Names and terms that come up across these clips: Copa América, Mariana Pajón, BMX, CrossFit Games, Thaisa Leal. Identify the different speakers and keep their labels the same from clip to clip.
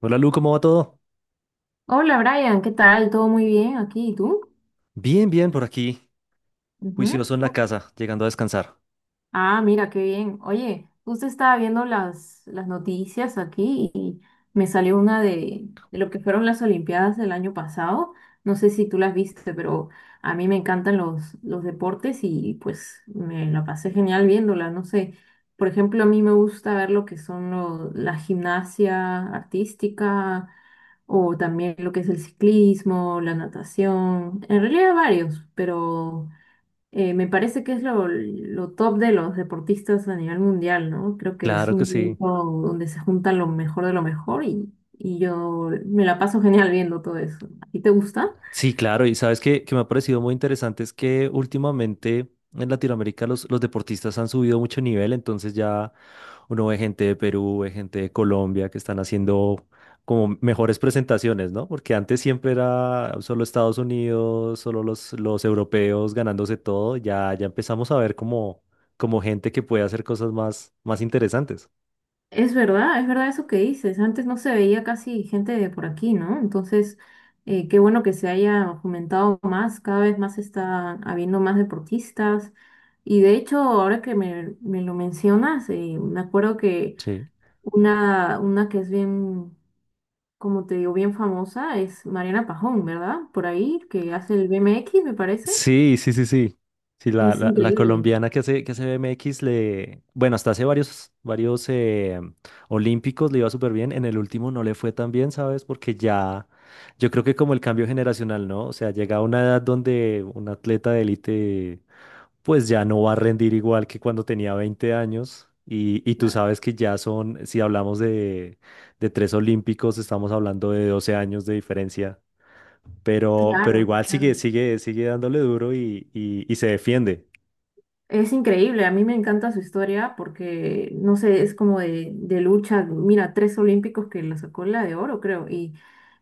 Speaker 1: Hola Lu, ¿cómo va todo?
Speaker 2: Hola Brian, ¿qué tal? ¿Todo muy bien aquí? ¿Y tú?
Speaker 1: Bien, bien, por aquí,
Speaker 2: Ujú.
Speaker 1: juicioso en la casa, llegando a descansar.
Speaker 2: Ah, mira, qué bien. Oye, justo estaba viendo las noticias aquí y me salió una de lo que fueron las Olimpiadas del año pasado. No sé si tú las viste, pero a mí me encantan los deportes y pues me la pasé genial viéndola. No sé, por ejemplo, a mí me gusta ver lo que son la gimnasia artística o también lo que es el ciclismo, la natación, en realidad varios, pero me parece que es lo top de los deportistas a nivel mundial, ¿no? Creo que es
Speaker 1: Claro
Speaker 2: un
Speaker 1: que sí.
Speaker 2: evento donde se junta lo mejor de lo mejor y, yo me la paso genial viendo todo eso. ¿A ti te gusta?
Speaker 1: Sí, claro, y sabes que me ha parecido muy interesante es que últimamente en Latinoamérica los deportistas han subido mucho nivel, entonces ya uno ve gente de Perú, ve gente de Colombia que están haciendo como mejores presentaciones, ¿no? Porque antes siempre era solo Estados Unidos, solo los europeos ganándose todo, ya empezamos a ver como gente que puede hacer cosas más interesantes.
Speaker 2: Es verdad eso que dices. Antes no se veía casi gente de por aquí, ¿no? Entonces, qué bueno que se haya fomentado más, cada vez más está habiendo más deportistas. Y de hecho, ahora que me lo mencionas, me acuerdo que
Speaker 1: Sí.
Speaker 2: una que es bien, como te digo, bien famosa es Mariana Pajón, ¿verdad? Por ahí, que hace el BMX, me parece.
Speaker 1: Sí, sí, sí, sí. Sí, la,
Speaker 2: Es
Speaker 1: la, la
Speaker 2: increíble.
Speaker 1: colombiana que hace BMX le, bueno, hasta hace varios olímpicos le iba súper bien. En el último no le fue tan bien, ¿sabes? Porque ya, yo creo que como el cambio generacional, ¿no? O sea, llega a una edad donde un atleta de élite, pues ya no va a rendir igual que cuando tenía 20 años. Y tú sabes que ya son, si hablamos de tres olímpicos, estamos hablando de 12 años de diferencia. Pero
Speaker 2: Claro,
Speaker 1: igual
Speaker 2: claro.
Speaker 1: sigue dándole duro y, y se defiende.
Speaker 2: Es increíble, a mí me encanta su historia porque, no sé, es como de lucha, mira, tres olímpicos que la sacó la de oro, creo,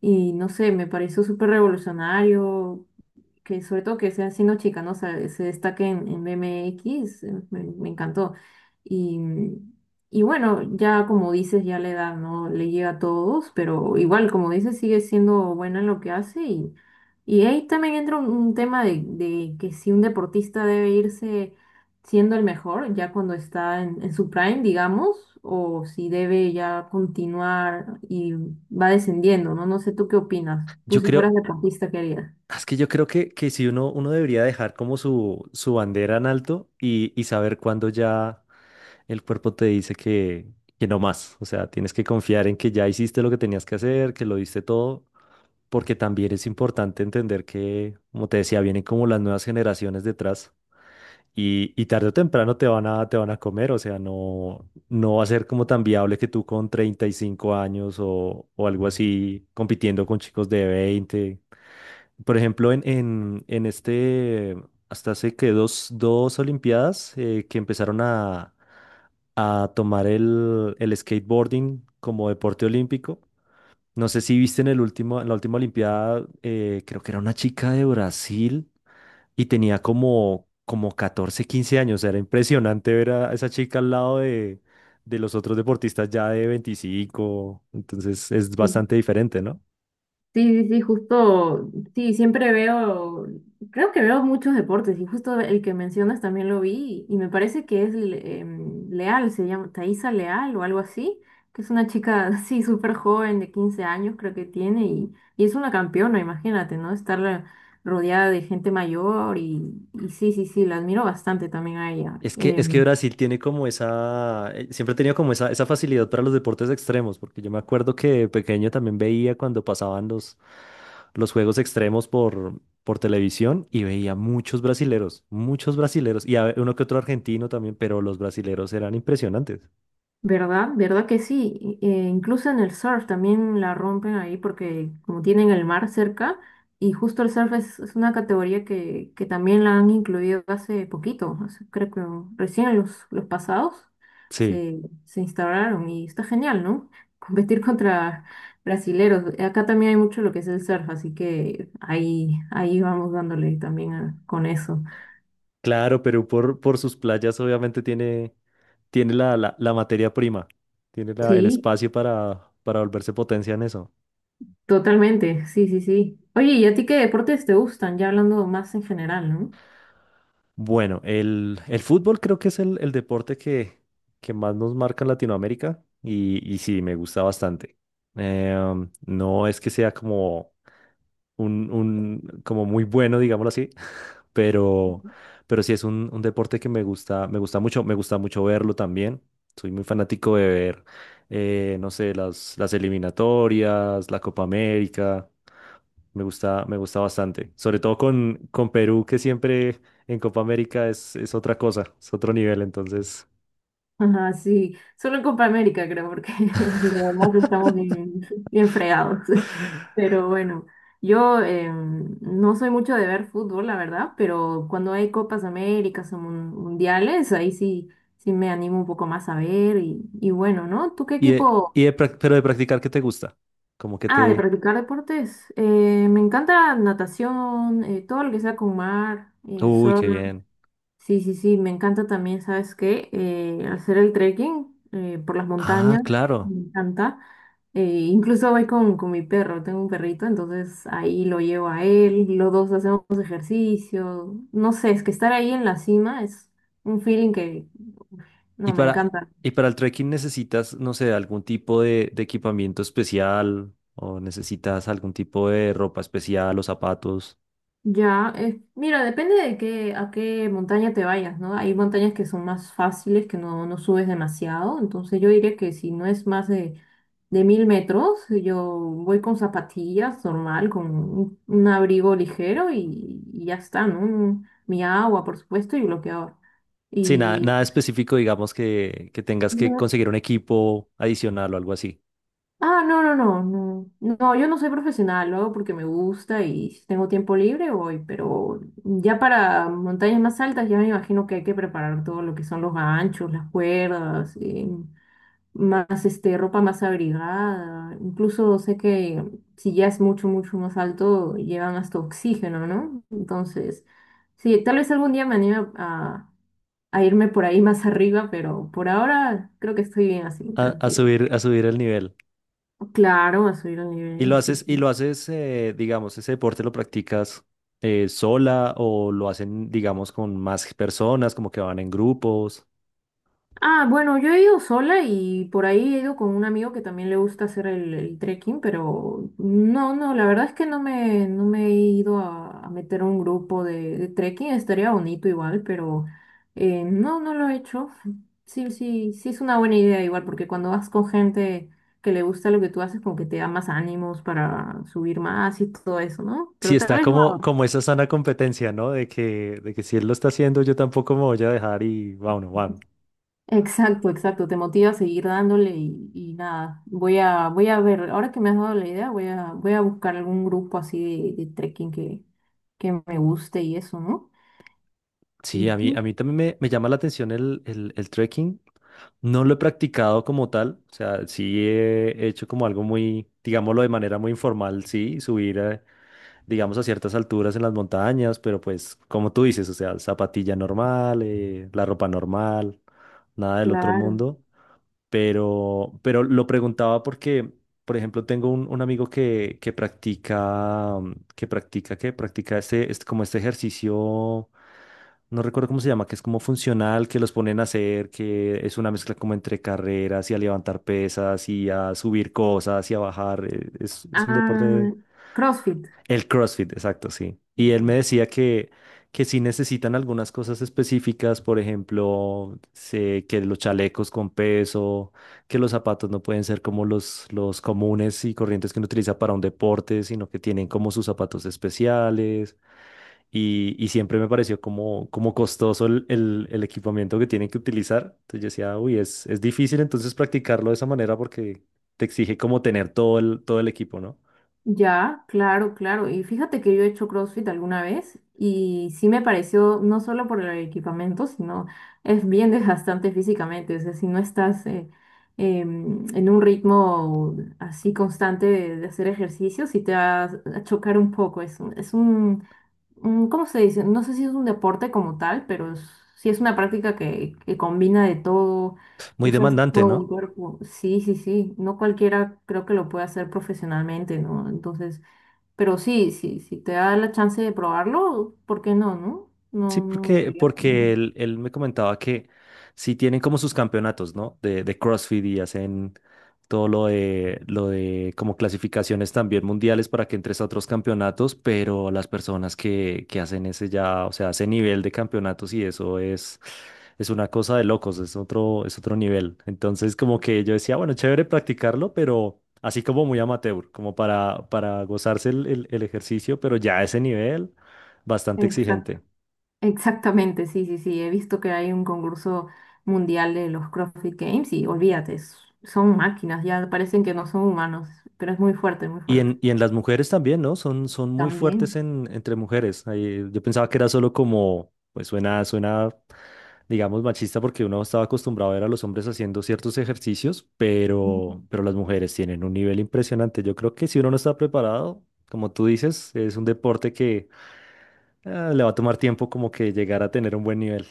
Speaker 2: y no sé, me pareció súper revolucionario, que sobre todo que sea siendo chica, ¿no? O sea, se destaque en BMX, me encantó. Y, y bueno, ya como dices, ya la edad no le llega a todos, pero igual, como dices, sigue siendo buena en lo que hace. Y ahí también entra un tema de que si un deportista debe irse siendo el mejor, ya cuando está en su prime, digamos, o si debe ya continuar y va descendiendo, ¿no? No sé, ¿tú qué opinas? Tú
Speaker 1: Yo
Speaker 2: si fueras
Speaker 1: creo,
Speaker 2: deportista, ¿qué harías?
Speaker 1: es que yo creo que si uno debería dejar como su bandera en alto y saber cuándo ya el cuerpo te dice que no más. O sea, tienes que confiar en que ya hiciste lo que tenías que hacer, que lo diste todo, porque también es importante entender que, como te decía, vienen como las nuevas generaciones detrás. Y tarde o temprano te van te van a comer, o sea, no, no va a ser como tan viable que tú con 35 años o algo así compitiendo con chicos de veinte. Por ejemplo, hasta hace que dos Olimpiadas que empezaron a tomar el skateboarding como deporte olímpico. No sé si viste en el último, en la última Olimpiada, creo que era una chica de Brasil y tenía como 14 15 años. Era impresionante ver a esa chica al lado de los otros deportistas ya de veinticinco. Entonces es bastante diferente, ¿no?
Speaker 2: Sí, sí, sí, justo, sí, siempre veo, creo que veo muchos deportes y justo el que mencionas también lo vi y me parece que es Leal, se llama Thaisa Leal o algo así, que es una chica, sí, súper joven de 15 años creo que tiene y es una campeona, imagínate, ¿no? Estar rodeada de gente mayor y sí, sí, sí, la admiro bastante también a ella.
Speaker 1: Es que Brasil tiene como esa, siempre ha tenido como esa facilidad para los deportes extremos, porque yo me acuerdo que de pequeño también veía cuando pasaban los juegos extremos por televisión y veía muchos brasileros, y a- uno que otro argentino también, pero los brasileros eran impresionantes.
Speaker 2: ¿Verdad? ¿Verdad que sí? Incluso en el surf también la rompen ahí porque como tienen el mar cerca y justo el surf es una categoría que también la han incluido hace poquito, creo que recién en los pasados
Speaker 1: Sí,
Speaker 2: se instauraron y está genial, ¿no? Competir contra brasileros. Acá también hay mucho lo que es el surf, así que ahí, ahí vamos dándole también con eso.
Speaker 1: claro, Perú por sus playas obviamente tiene, tiene la materia prima, tiene la- el
Speaker 2: Sí.
Speaker 1: espacio para volverse potencia en eso.
Speaker 2: Totalmente, sí, sí, sí. Oye, ¿y a ti qué deportes te gustan? Ya hablando más en general, ¿no?
Speaker 1: Bueno, el fútbol creo que es el deporte que más nos marca en Latinoamérica y sí, me gusta bastante. No es que sea como un- como muy bueno, digámoslo así, pero, pero sí es un deporte que me gusta mucho verlo también. Soy muy fanático de ver, no sé, las eliminatorias, la Copa América. Me gusta bastante. Sobre todo con Perú, que siempre en Copa América es otra cosa, es otro nivel, entonces.
Speaker 2: Ajá, sí, solo en Copa América creo, porque lo demás estamos bien, bien fregados. Pero bueno, yo no soy mucho de ver fútbol, la verdad, pero cuando hay Copas Américas o mundiales, ahí sí, sí me animo un poco más a ver. Y bueno, ¿no? ¿Tú qué equipo?
Speaker 1: Pero de practicar, ¿qué te gusta? Como que
Speaker 2: Ah, de
Speaker 1: te...
Speaker 2: practicar deportes. Me encanta natación, todo lo que sea con mar, el
Speaker 1: Uy, qué
Speaker 2: surf.
Speaker 1: bien.
Speaker 2: Sí, sí, sí, me encanta también, ¿sabes qué? Hacer el trekking por las
Speaker 1: Ah,
Speaker 2: montañas,
Speaker 1: claro.
Speaker 2: me encanta. Eh, Incluso voy con mi perro, tengo un perrito, entonces ahí lo llevo a él, los dos hacemos ejercicio. No sé, es que estar ahí en la cima es un feeling que,
Speaker 1: Y
Speaker 2: no, me
Speaker 1: para,
Speaker 2: encanta.
Speaker 1: y para el trekking necesitas, no sé, algún tipo de equipamiento especial o necesitas algún tipo de ropa especial o zapatos.
Speaker 2: Ya, mira, depende de qué, a qué montaña te vayas, ¿no? Hay montañas que son más fáciles, que no, no subes demasiado, entonces yo diría que si no es más de 1000 metros, yo voy con zapatillas normal, con un abrigo ligero y ya está, ¿no? Mi agua, por supuesto, y bloqueador.
Speaker 1: Sí, nada,
Speaker 2: Y,
Speaker 1: nada específico, digamos, que tengas que conseguir un equipo adicional o algo así.
Speaker 2: ah, no, no, no, no. No, yo no soy profesional, lo hago porque me gusta y si tengo tiempo libre voy, pero ya para montañas más altas ya me imagino que hay que preparar todo lo que son los ganchos, las cuerdas, más este, ropa más abrigada. Incluso sé que si ya es mucho, mucho más alto, llevan hasta oxígeno, ¿no? Entonces, sí, tal vez algún día me anime a irme por ahí más arriba, pero por ahora creo que estoy bien así, tranquilo.
Speaker 1: A subir el nivel.
Speaker 2: Claro, a subir el nivel, sí.
Speaker 1: Y
Speaker 2: Sí.
Speaker 1: lo haces, digamos, ese deporte lo practicas sola o lo hacen, digamos, con más personas, como que van en grupos.
Speaker 2: Ah, bueno, yo he ido sola y por ahí he ido con un amigo que también le gusta hacer el trekking, pero no, no, la verdad es que no me, no me he ido a meter a un grupo de trekking, estaría bonito igual, pero no, no lo he hecho. Sí, sí, sí es una buena idea igual, porque cuando vas con gente que le gusta lo que tú haces, como que te da más ánimos para subir más y todo eso, ¿no?
Speaker 1: Sí,
Speaker 2: Pero tal
Speaker 1: está
Speaker 2: vez lo
Speaker 1: como,
Speaker 2: haga.
Speaker 1: como esa sana competencia, ¿no? De que si él lo está haciendo, yo tampoco me voy a dejar y bueno, bueno.
Speaker 2: Exacto, exacto, te motiva a seguir dándole y nada, voy a, voy a ver, ahora que me has dado la idea, voy a, voy a buscar algún grupo así de trekking que me guste y eso, ¿no?
Speaker 1: Sí,
Speaker 2: Ujú,
Speaker 1: a mí también me llama la atención el trekking. No lo he practicado como tal, o sea, sí he hecho como algo muy, digámoslo de manera muy informal, sí, subir, digamos, a ciertas alturas en las montañas, pero pues, como tú dices, o sea, zapatilla normal, la ropa normal, nada del otro
Speaker 2: claro.
Speaker 1: mundo. Pero lo preguntaba porque, por ejemplo, tengo un amigo que practica, que practica este, este- como este ejercicio, no recuerdo cómo se llama, que es como funcional, que los ponen a hacer, que es una mezcla como entre carreras y a levantar pesas y a subir cosas y a bajar. Es un
Speaker 2: Ah,
Speaker 1: deporte
Speaker 2: CrossFit.
Speaker 1: el CrossFit, exacto, sí.
Speaker 2: Sí,
Speaker 1: Y él
Speaker 2: sí.
Speaker 1: me decía que sí necesitan algunas cosas específicas, por ejemplo, se- que los chalecos con peso, que los zapatos no pueden ser como los comunes y corrientes que uno utiliza para un deporte, sino que tienen como sus zapatos especiales. Y siempre me pareció como, como costoso el equipamiento que tienen que utilizar. Entonces yo decía, uy, es difícil entonces practicarlo de esa manera porque te exige como tener todo todo el equipo, ¿no?
Speaker 2: Ya, claro, claro. Y fíjate que yo he hecho CrossFit alguna vez y sí me pareció, no solo por el equipamiento, sino es bien desgastante físicamente. O sea, si no estás en un ritmo así constante de hacer ejercicio, sí te va a chocar un poco. Es, es un, ¿cómo se dice? No sé si es un deporte como tal, pero sí es una práctica que combina de todo,
Speaker 1: Muy
Speaker 2: usas
Speaker 1: demandante,
Speaker 2: todo el
Speaker 1: ¿no?
Speaker 2: cuerpo. Sí, sí, sí. No cualquiera creo que lo puede hacer profesionalmente, ¿no? Entonces, pero sí, sí, si te da la chance de probarlo, ¿por qué no, no?
Speaker 1: Sí,
Speaker 2: No, no
Speaker 1: porque,
Speaker 2: debería problema.
Speaker 1: porque él me comentaba que sí tienen como sus campeonatos, ¿no? De CrossFit y hacen todo lo de como clasificaciones también mundiales para que entres a otros campeonatos, pero las personas que hacen ese ya, o sea, ese nivel de campeonatos y eso es una cosa de locos, es otro nivel. Entonces, como que yo decía, bueno, chévere practicarlo, pero así como muy amateur, como para gozarse el ejercicio, pero ya a ese nivel, bastante
Speaker 2: Exacto.
Speaker 1: exigente.
Speaker 2: Exactamente, sí, sí, sí. He visto que hay un concurso mundial de los CrossFit Games y olvídate, s- son máquinas, ya parecen que no son humanos, pero es muy fuerte, muy fuerte.
Speaker 1: Y en las mujeres también, ¿no? Son, son muy fuertes
Speaker 2: También.
Speaker 1: en, entre mujeres. Ahí, yo pensaba que era solo como, pues suena, suena, digamos, machista porque uno estaba acostumbrado a ver a los hombres haciendo ciertos ejercicios, pero las mujeres tienen un nivel impresionante. Yo creo que si uno no está preparado, como tú dices, es un deporte que le va a tomar tiempo como que llegar a tener un buen nivel.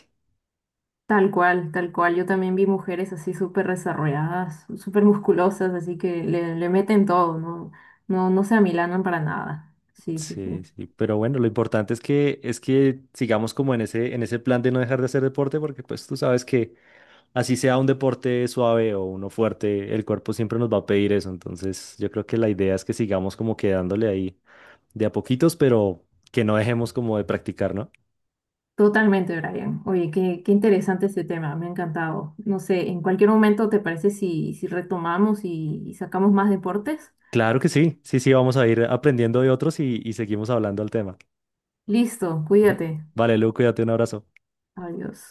Speaker 2: Tal cual, tal cual. Yo también vi mujeres así súper desarrolladas, súper musculosas, así que le meten todo, ¿no? No, no se amilanan para nada. Sí, sí, sí.
Speaker 1: Sí, sí, pero bueno, lo importante es que sigamos como en ese plan de no dejar de hacer deporte porque pues tú sabes que así sea un deporte suave o uno fuerte, el cuerpo siempre nos va a pedir eso. Entonces, yo creo que la idea es que sigamos como quedándole ahí de a poquitos, pero que no dejemos como de practicar, ¿no?
Speaker 2: Totalmente, Brian. Oye, qué, qué interesante este tema, me ha encantado. No sé, en cualquier momento, ¿te parece si, si retomamos y sacamos más deportes?
Speaker 1: Claro que sí, sí, sí, vamos a ir aprendiendo de otros y seguimos hablando al tema.
Speaker 2: Listo, cuídate.
Speaker 1: Vale, Lu, cuídate, un abrazo.
Speaker 2: Adiós.